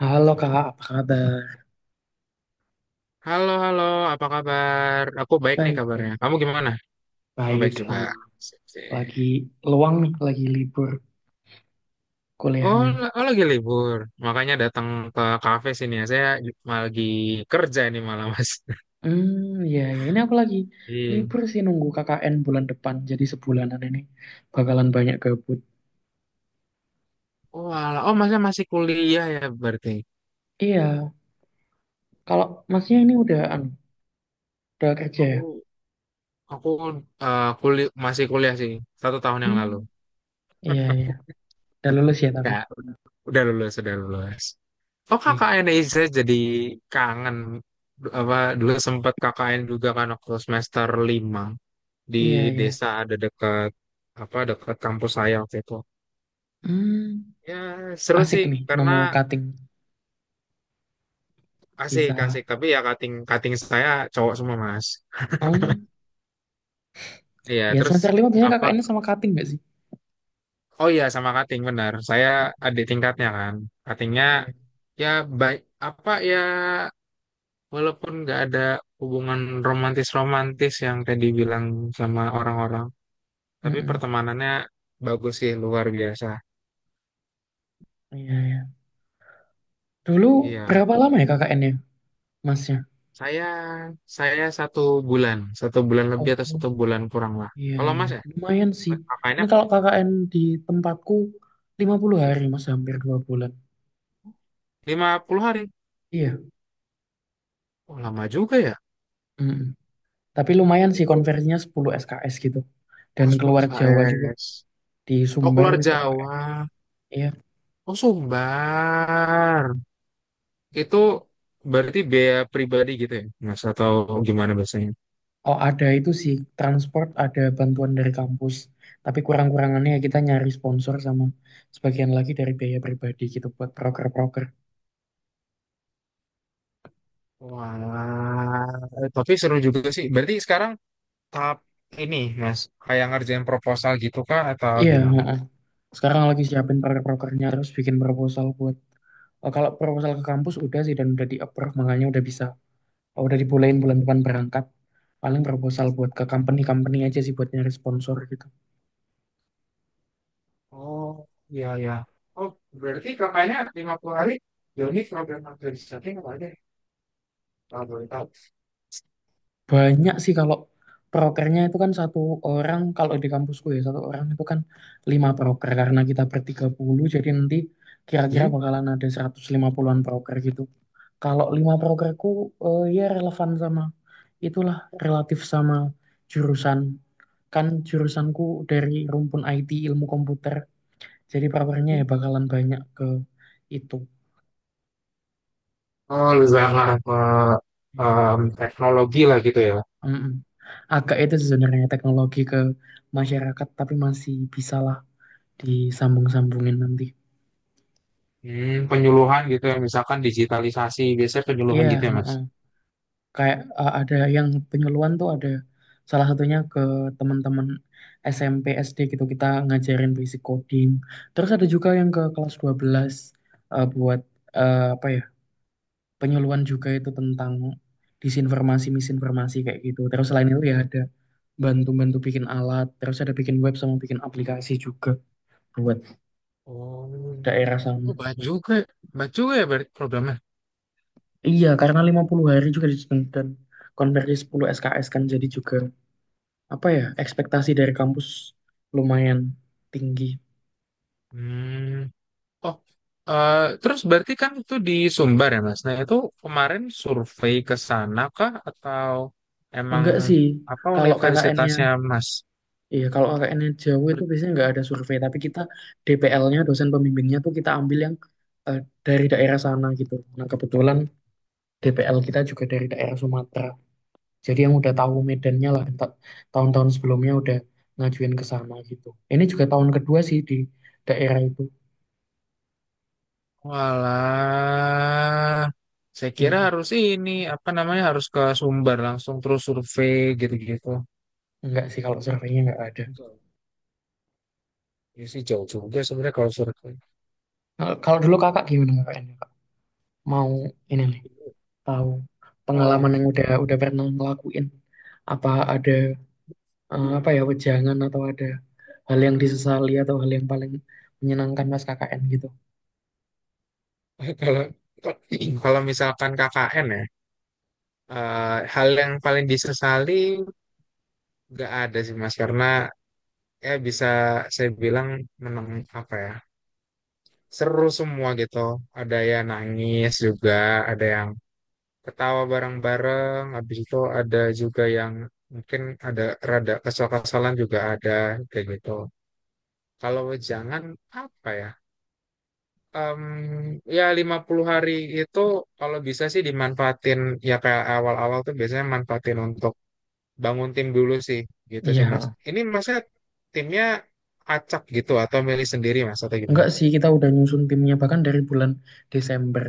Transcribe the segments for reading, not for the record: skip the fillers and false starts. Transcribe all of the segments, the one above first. Halo Kak, apa kabar? Halo, halo, apa kabar? Aku baik nih Baik, kabarnya. baik. Kamu gimana? Oh, Baik, baik juga. sama. Sip, sip. Lagi luang nih, lagi libur kuliahnya. Oh, lagi libur. Makanya datang ke kafe sini ya. Malah lagi kerja ini malah, Mas. Hmm, ya, ya. Ini aku lagi Iya. libur sih nunggu KKN bulan depan. Jadi sebulanan ini bakalan banyak gabut. Oh, alah. Oh, masnya masih kuliah ya berarti? Iya, kalau masnya ini Hmm. udah, anu, udah kerja ya? Aku aku Kuliah masih kuliah sih. Satu tahun yang lalu. Hmm, iya, iya. Udah lulus ya tapi? Ya, udah lulus, udah lulus. Oh, Wih, KKN ya, saya jadi kangen. Apa, dulu sempat KKN juga kan waktu semester 5 di iya, iya. desa ada dekat apa dekat kampus saya waktu itu. Hmm, Ya seru asik sih nih karena nemu cutting. asik Bisa. asik, tapi ya kating kating saya cowok semua, mas. Hmm, Iya ya terus semester lima biasanya apa? KKN sama cutting gak sih? Oh iya sama kating benar. Saya Hmm, adik tingkatnya kan. Katingnya iya. ya baik, apa ya, walaupun nggak ada hubungan romantis romantis yang tadi bilang sama orang-orang, tapi Mm-mm. pertemanannya bagus sih luar biasa. Iya, iya. Dulu Iya. berapa lama ya KKN-nya, masnya? Saya saya satu bulan Oh, lebih atau satu bulan kurang lah. iya, Kalau iya. Mas ya, Lumayan sih. Mas Ini kalau KKN di tempatku 50 hari, mas. Hampir 2 bulan. 50 hari. Iya. Oh, lama juga ya. Mm-mm. Tapi lumayan sih Itu konversinya 10 SKS gitu. Dan oh, 10 keluar Jawa juga. SKS. Di Oh, Sumber keluar besok Jawa. KKN. Iya. Oh, Sumbar. Itu berarti biaya pribadi gitu ya, Mas? Atau gimana biasanya? Oh, ada itu sih. Transport ada bantuan dari kampus. Tapi kurang-kurangannya ya kita nyari sponsor sama sebagian lagi dari biaya pribadi gitu buat proker-proker. Wah, tapi seru juga sih. Berarti sekarang tahap ini, Mas, kayak ngerjain proposal gitu kah atau Iya, gimana? heeh. Sekarang lagi siapin proker-prokernya terus bikin proposal kalau proposal ke kampus udah sih dan udah di approve makanya udah bisa oh, udah dibolehin bulan depan berangkat paling proposal buat ke company-company aja sih buat nyari sponsor gitu. Oh, iya, iya. Oh, berarti kakaknya 50 hari Joni program organisasi apa aja? Kalau boleh tahu. Banyak sih kalau prokernya itu kan satu orang kalau di kampusku ya satu orang itu kan lima proker karena kita bertiga puluh jadi nanti kira-kira Hmm? bakalan ada 150-an proker gitu kalau lima prokerku ya relevan sama itulah relatif sama jurusan kan jurusanku dari rumpun IT ilmu komputer. Jadi powernya Hmm. ya bakalan banyak ke itu. Oh, lebih banget ke Ya. Teknologi lah gitu ya. Mm-mm. Agak itu sebenarnya teknologi ke masyarakat, tapi masih bisalah disambung-sambungin nanti. Hmm, penyuluhan gitu ya, misalkan digitalisasi, biasanya Iya, penyuluhan gitu ya, Mas. mm kayak ada yang penyuluhan tuh ada salah satunya ke teman-teman SMP, SD gitu kita ngajarin basic coding. Terus ada juga yang ke kelas 12 buat apa ya? Penyuluhan juga itu tentang disinformasi, misinformasi kayak gitu. Terus selain itu ya ada bantu-bantu bikin alat, terus ada bikin web sama bikin aplikasi juga buat Oh, daerah sama. oh banyak juga ya berarti programnya. Iya, karena 50 hari juga dan konversi 10 SKS kan jadi juga apa ya, ekspektasi dari kampus lumayan tinggi. Hmm. Oh, eh, Terus berarti kan itu di Sumbar ya, Mas? Nah, itu kemarin survei ke sana kah atau emang Enggak sih, apa kalau KKN-nya, universitasnya, Mas? iya kalau KKN-nya jauh itu Ber- biasanya enggak ada survei, tapi kita DPL-nya, dosen pembimbingnya tuh kita ambil yang eh, dari daerah sana gitu. Nah, kebetulan DPL kita juga dari daerah Sumatera. Jadi yang udah tahu medannya lah, tahun-tahun sebelumnya udah ngajuin ke sana gitu. Ini juga tahun kedua sih di daerah itu. Walah, saya kira Mm-mm. harus ini apa namanya harus ke Sumbar langsung terus survei gitu-gitu. Enggak sih kalau surveinya enggak ada. Enggak. Ya sih jauh juga sebenarnya kalau survei. Nah, kalau dulu kakak gimana kakaknya? Kak? Mau ini nih, tahu pengalaman Oh, yang udah pernah ngelakuin. Apa ada apa ya wejangan atau ada hal yang disesali atau hal yang paling menyenangkan pas KKN gitu? kalau kalau misalkan KKN ya, hal yang paling disesali nggak ada sih Mas karena ya bisa saya bilang menang apa ya seru semua gitu, ada yang nangis juga, ada yang ketawa bareng-bareng, habis itu ada juga yang mungkin ada rada kesal-kesalan juga, ada kayak gitu. Kalau jangan apa ya, Em, ya 50 hari itu kalau bisa sih dimanfaatin, ya kayak awal-awal tuh biasanya manfaatin untuk bangun tim dulu sih. Gitu sih Iya, mas, ini masnya timnya acak gitu atau milih sendiri mas atau gimana? enggak sih kita udah nyusun timnya bahkan dari bulan Desember.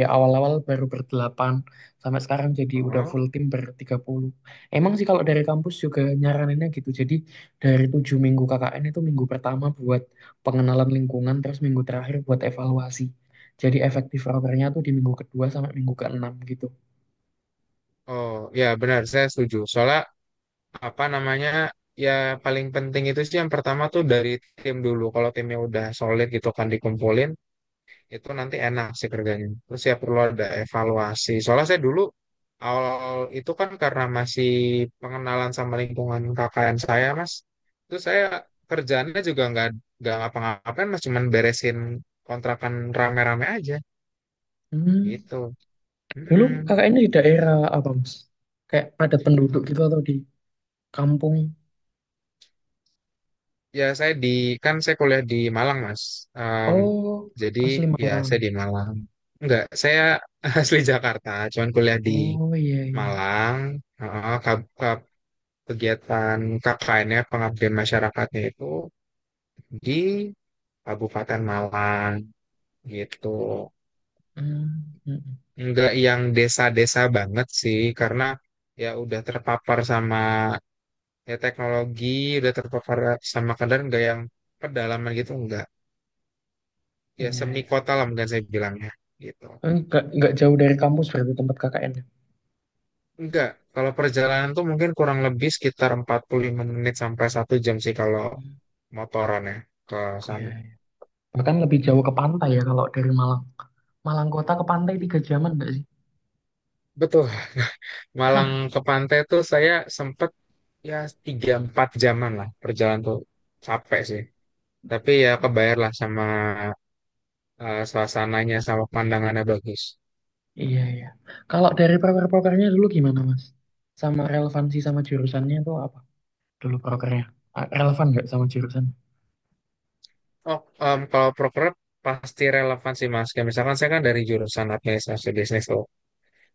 Ya awal-awal baru berdelapan, sampai sekarang jadi udah Oh, full tim bertiga puluh. Emang sih kalau dari kampus juga nyaraninnya gitu. Jadi dari 7 minggu KKN itu minggu pertama buat pengenalan lingkungan, terus minggu terakhir buat evaluasi. Jadi efektif rokernya tuh di minggu kedua sampai minggu keenam gitu. oh ya benar saya setuju. Soalnya apa namanya, ya paling penting itu sih yang pertama tuh dari tim dulu. Kalau timnya udah solid gitu kan dikumpulin, itu nanti enak sih kerjanya. Terus ya perlu ada evaluasi. Soalnya saya dulu awal itu kan karena masih pengenalan sama lingkungan KKN saya mas. Itu saya kerjaannya juga nggak ngapa-ngapain mas cuman beresin kontrakan rame-rame aja Hmm, gitu. dulu Mm-mm. KKN di daerah apa mas? Kayak padat penduduk gitu atau di kampung? Ya, saya di kan saya kuliah di Malang, Mas. Em, Oh, jadi asli ya Malang. saya di Malang. Enggak, saya asli Jakarta, cuman kuliah di Oh, iya, iya. Malang. Heeh, kegiatan KKN-nya pengabdian masyarakatnya itu di Kabupaten Malang gitu. Hmm, hmm, hmm. Enggak yang desa-desa banget sih, karena ya udah terpapar sama ya teknologi, udah terpapar sama kadar enggak yang pedalaman gitu enggak. Ya Iya, semi iya. kota lah mungkin saya bilangnya gitu. Enggak jauh dari kampus berarti tempat KKN. Enggak, kalau perjalanan tuh mungkin kurang lebih sekitar 45 menit sampai satu jam sih kalau Iya. motoran ya ke Iya. sana. Bahkan lebih jauh ke pantai ya kalau dari Malang. Malang kota ke pantai 3 jaman enggak sih? Betul, Malang ke pantai tuh saya sempet ya tiga empat jaman lah perjalanan tuh capek sih. Tapi ya kebayar lah sama suasananya sama pandangannya bagus. Iya, iya. Kalau dari proker-prokernya dulu gimana, Mas? Sama relevansi sama jurusannya tuh apa? Dulu prokernya. Relevan nggak sama jurusan? Oh, kalau proker pasti relevan sih Mas. Kayak misalkan saya kan dari jurusan administrasi bisnis tuh.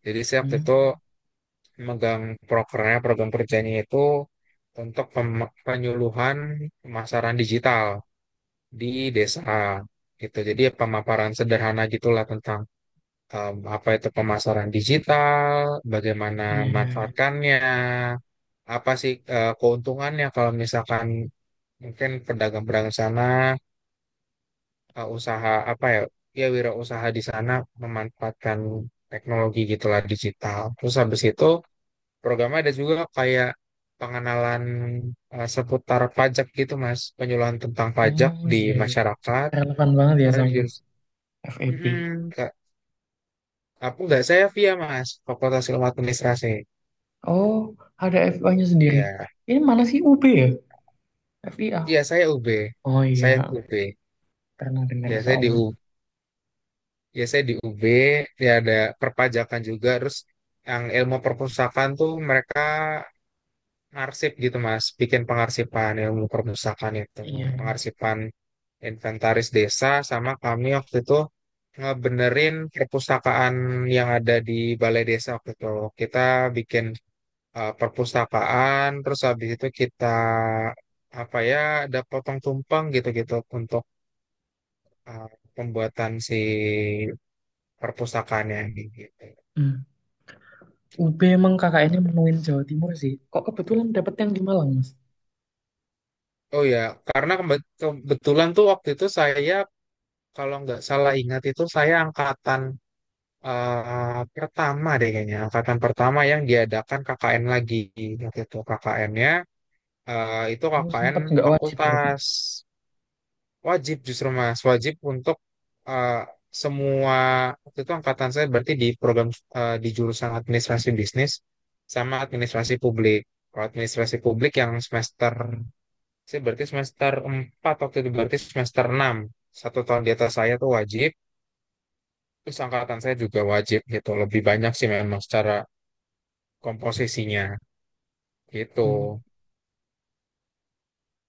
Jadi saya waktu Hmm. itu megang prokernya, program kerjanya itu untuk penyuluhan pemasaran digital di desa gitu. Jadi pemaparan sederhana gitulah tentang apa itu pemasaran digital, bagaimana Iya, iya. manfaatkannya, apa sih keuntungannya kalau misalkan mungkin pedagang-pedagang sana, usaha apa ya, ya wirausaha di sana memanfaatkan teknologi gitulah digital. Terus habis itu programnya ada juga kayak pengenalan seputar pajak gitu mas, penyuluhan tentang pajak Oh, di iya, iya. masyarakat Relevan banget ya karena di sama jurus FEB. Mm-mm, Kak. Aku nggak saya via mas Fakultas Ilmu Administrasi Oh, ada FIA-nya sendiri. ya Ini mana sih UB ya? FIA. iya saya UB Oh, saya iya, UB pernah dengar ya soalnya. Saya di UB ya ada perpajakan juga terus yang ilmu perpustakaan tuh mereka arsip gitu mas bikin pengarsipan ilmu perpustakaan itu Iya, iya. pengarsipan inventaris desa sama kami waktu itu ngebenerin perpustakaan yang ada di balai desa waktu itu kita bikin perpustakaan terus habis itu kita apa ya ada potong tumpeng gitu-gitu untuk eh, pembuatan si perpustakaannya gitu. Hmm. UB emang kakaknya nya menuin Jawa Timur sih. Kok kebetulan dapet yang di Malang, Mas? Oh ya, karena kebetulan tuh waktu itu saya kalau nggak salah ingat itu saya angkatan pertama deh kayaknya angkatan pertama yang diadakan KKN lagi waktu itu KKN-nya itu Oh, KKN sempet nggak wajib berarti. fakultas wajib justru mas wajib untuk eh, semua waktu itu angkatan saya berarti di program di jurusan administrasi bisnis sama administrasi publik kalau administrasi publik yang semester saya berarti semester 4 waktu itu berarti semester 6 satu tahun di atas saya tuh wajib terus angkatan saya juga wajib gitu lebih banyak sih memang secara komposisinya gitu. Hmm,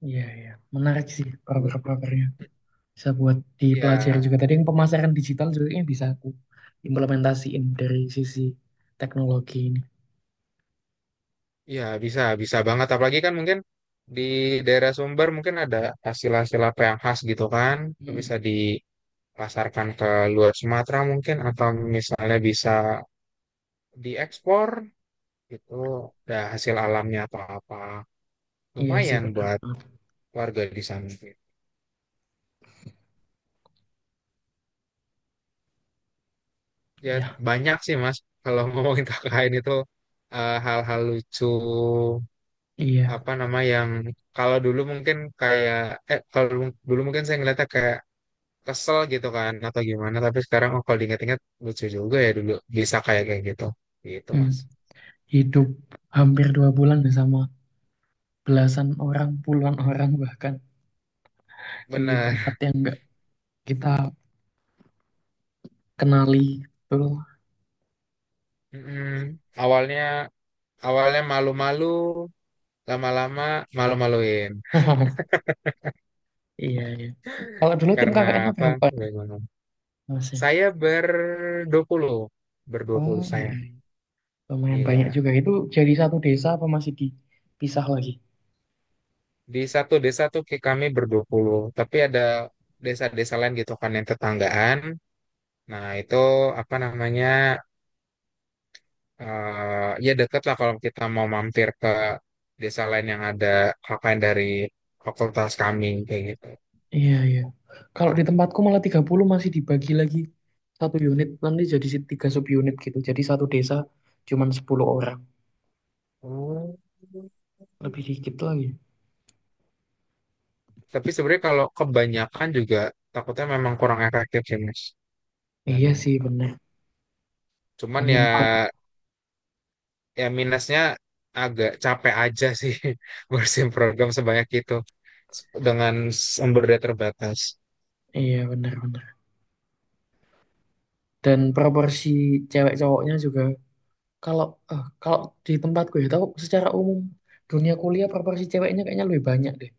iya, iya. Menarik sih proker-prokernya. Bisa buat Iya, dipelajari juga. Tadi yang pemasaran digital juga ini bisa aku implementasiin dari sisi teknologi ini. iya bisa, bisa banget. Apalagi kan mungkin di daerah Sumber mungkin ada hasil-hasil apa yang khas gitu kan, Mm, bisa dipasarkan ke luar Sumatera mungkin atau misalnya bisa diekspor gitu, ada hasil alamnya atau apa. iya sih, Lumayan benar buat banget. warga di sana. Ya Ya, banyak sih Mas, kalau ngomongin KKN itu hal-hal lucu iya. apa nama yang kalau dulu mungkin kayak kalau dulu dulu mungkin saya ngeliatnya kayak kesel gitu kan atau gimana tapi sekarang oh, kalau diingat-ingat lucu juga ya dulu bisa kayak kayak gitu gitu mas Hmm, Hidup hampir dua bulan ya sama belasan orang, puluhan orang bahkan di tempat benar. yang nggak kita kenali. Betul. Mm-mm. awalnya awalnya malu-malu lama-lama malu-maluin Iya, iya. Kalau dulu tim karena KKN-nya apa berapa orang, bagaimana Mas ya? saya berdua puluh berdua Oh, puluh iya, saya iya. Lumayan banyak iya juga. Itu jadi satu desa apa masih dipisah lagi? di satu desa tuh kayak kami berdua puluh tapi ada desa-desa lain gitu kan yang tetanggaan. Nah, itu apa namanya? Eh ya deket lah kalau kita mau mampir ke desa lain yang ada KKN dari fakultas kami kayak gitu. Iya, iya. Kalau di tempatku malah 30 masih dibagi lagi satu unit, nanti jadi tiga sub unit gitu. Jadi satu desa cuman 10 orang. Oh. Lebih dikit lagi. Tapi sebenarnya kalau kebanyakan juga takutnya memang kurang efektif sih, Mas. Iya Memang. sih, bener. Cuman ya Numpang. ya minusnya agak capek aja sih ngurusin program sebanyak itu dengan sumber daya terbatas. Iya, bener-bener. Dan proporsi cewek cowoknya juga kalau kalau di tempatku ya tahu secara umum dunia kuliah proporsi ceweknya kayaknya lebih banyak deh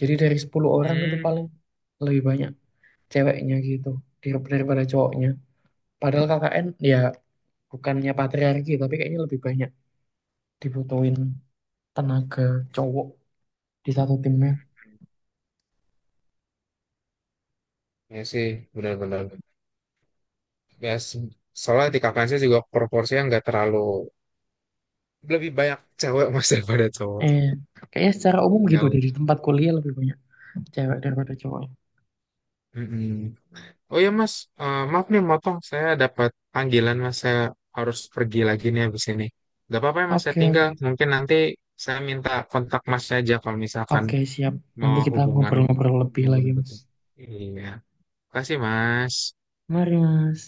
jadi dari 10 orang itu Hmm, paling lebih banyak ceweknya gitu daripada cowoknya padahal KKN ya bukannya patriarki tapi kayaknya lebih banyak dibutuhin tenaga cowok di satu timnya ya sih, benar-benar. Ya soalnya di KKN juga proporsinya nggak terlalu lebih banyak cewek mas daripada cowok eh kayaknya secara umum gitu jauh. deh di tempat kuliah lebih banyak cewek daripada cowok. Mm-mm. Oh ya mas, maaf nih motong saya dapat panggilan mas saya harus pergi lagi nih habis ini, nggak apa-apa ya mas saya Oke, tinggal oke. mungkin nanti saya minta kontak masnya aja kalau misalkan Oke, siap. mau Nanti kita hubungan ngobrol-ngobrol lebih hubungan lagi mas. gitu iya kasih mas. Mari mas.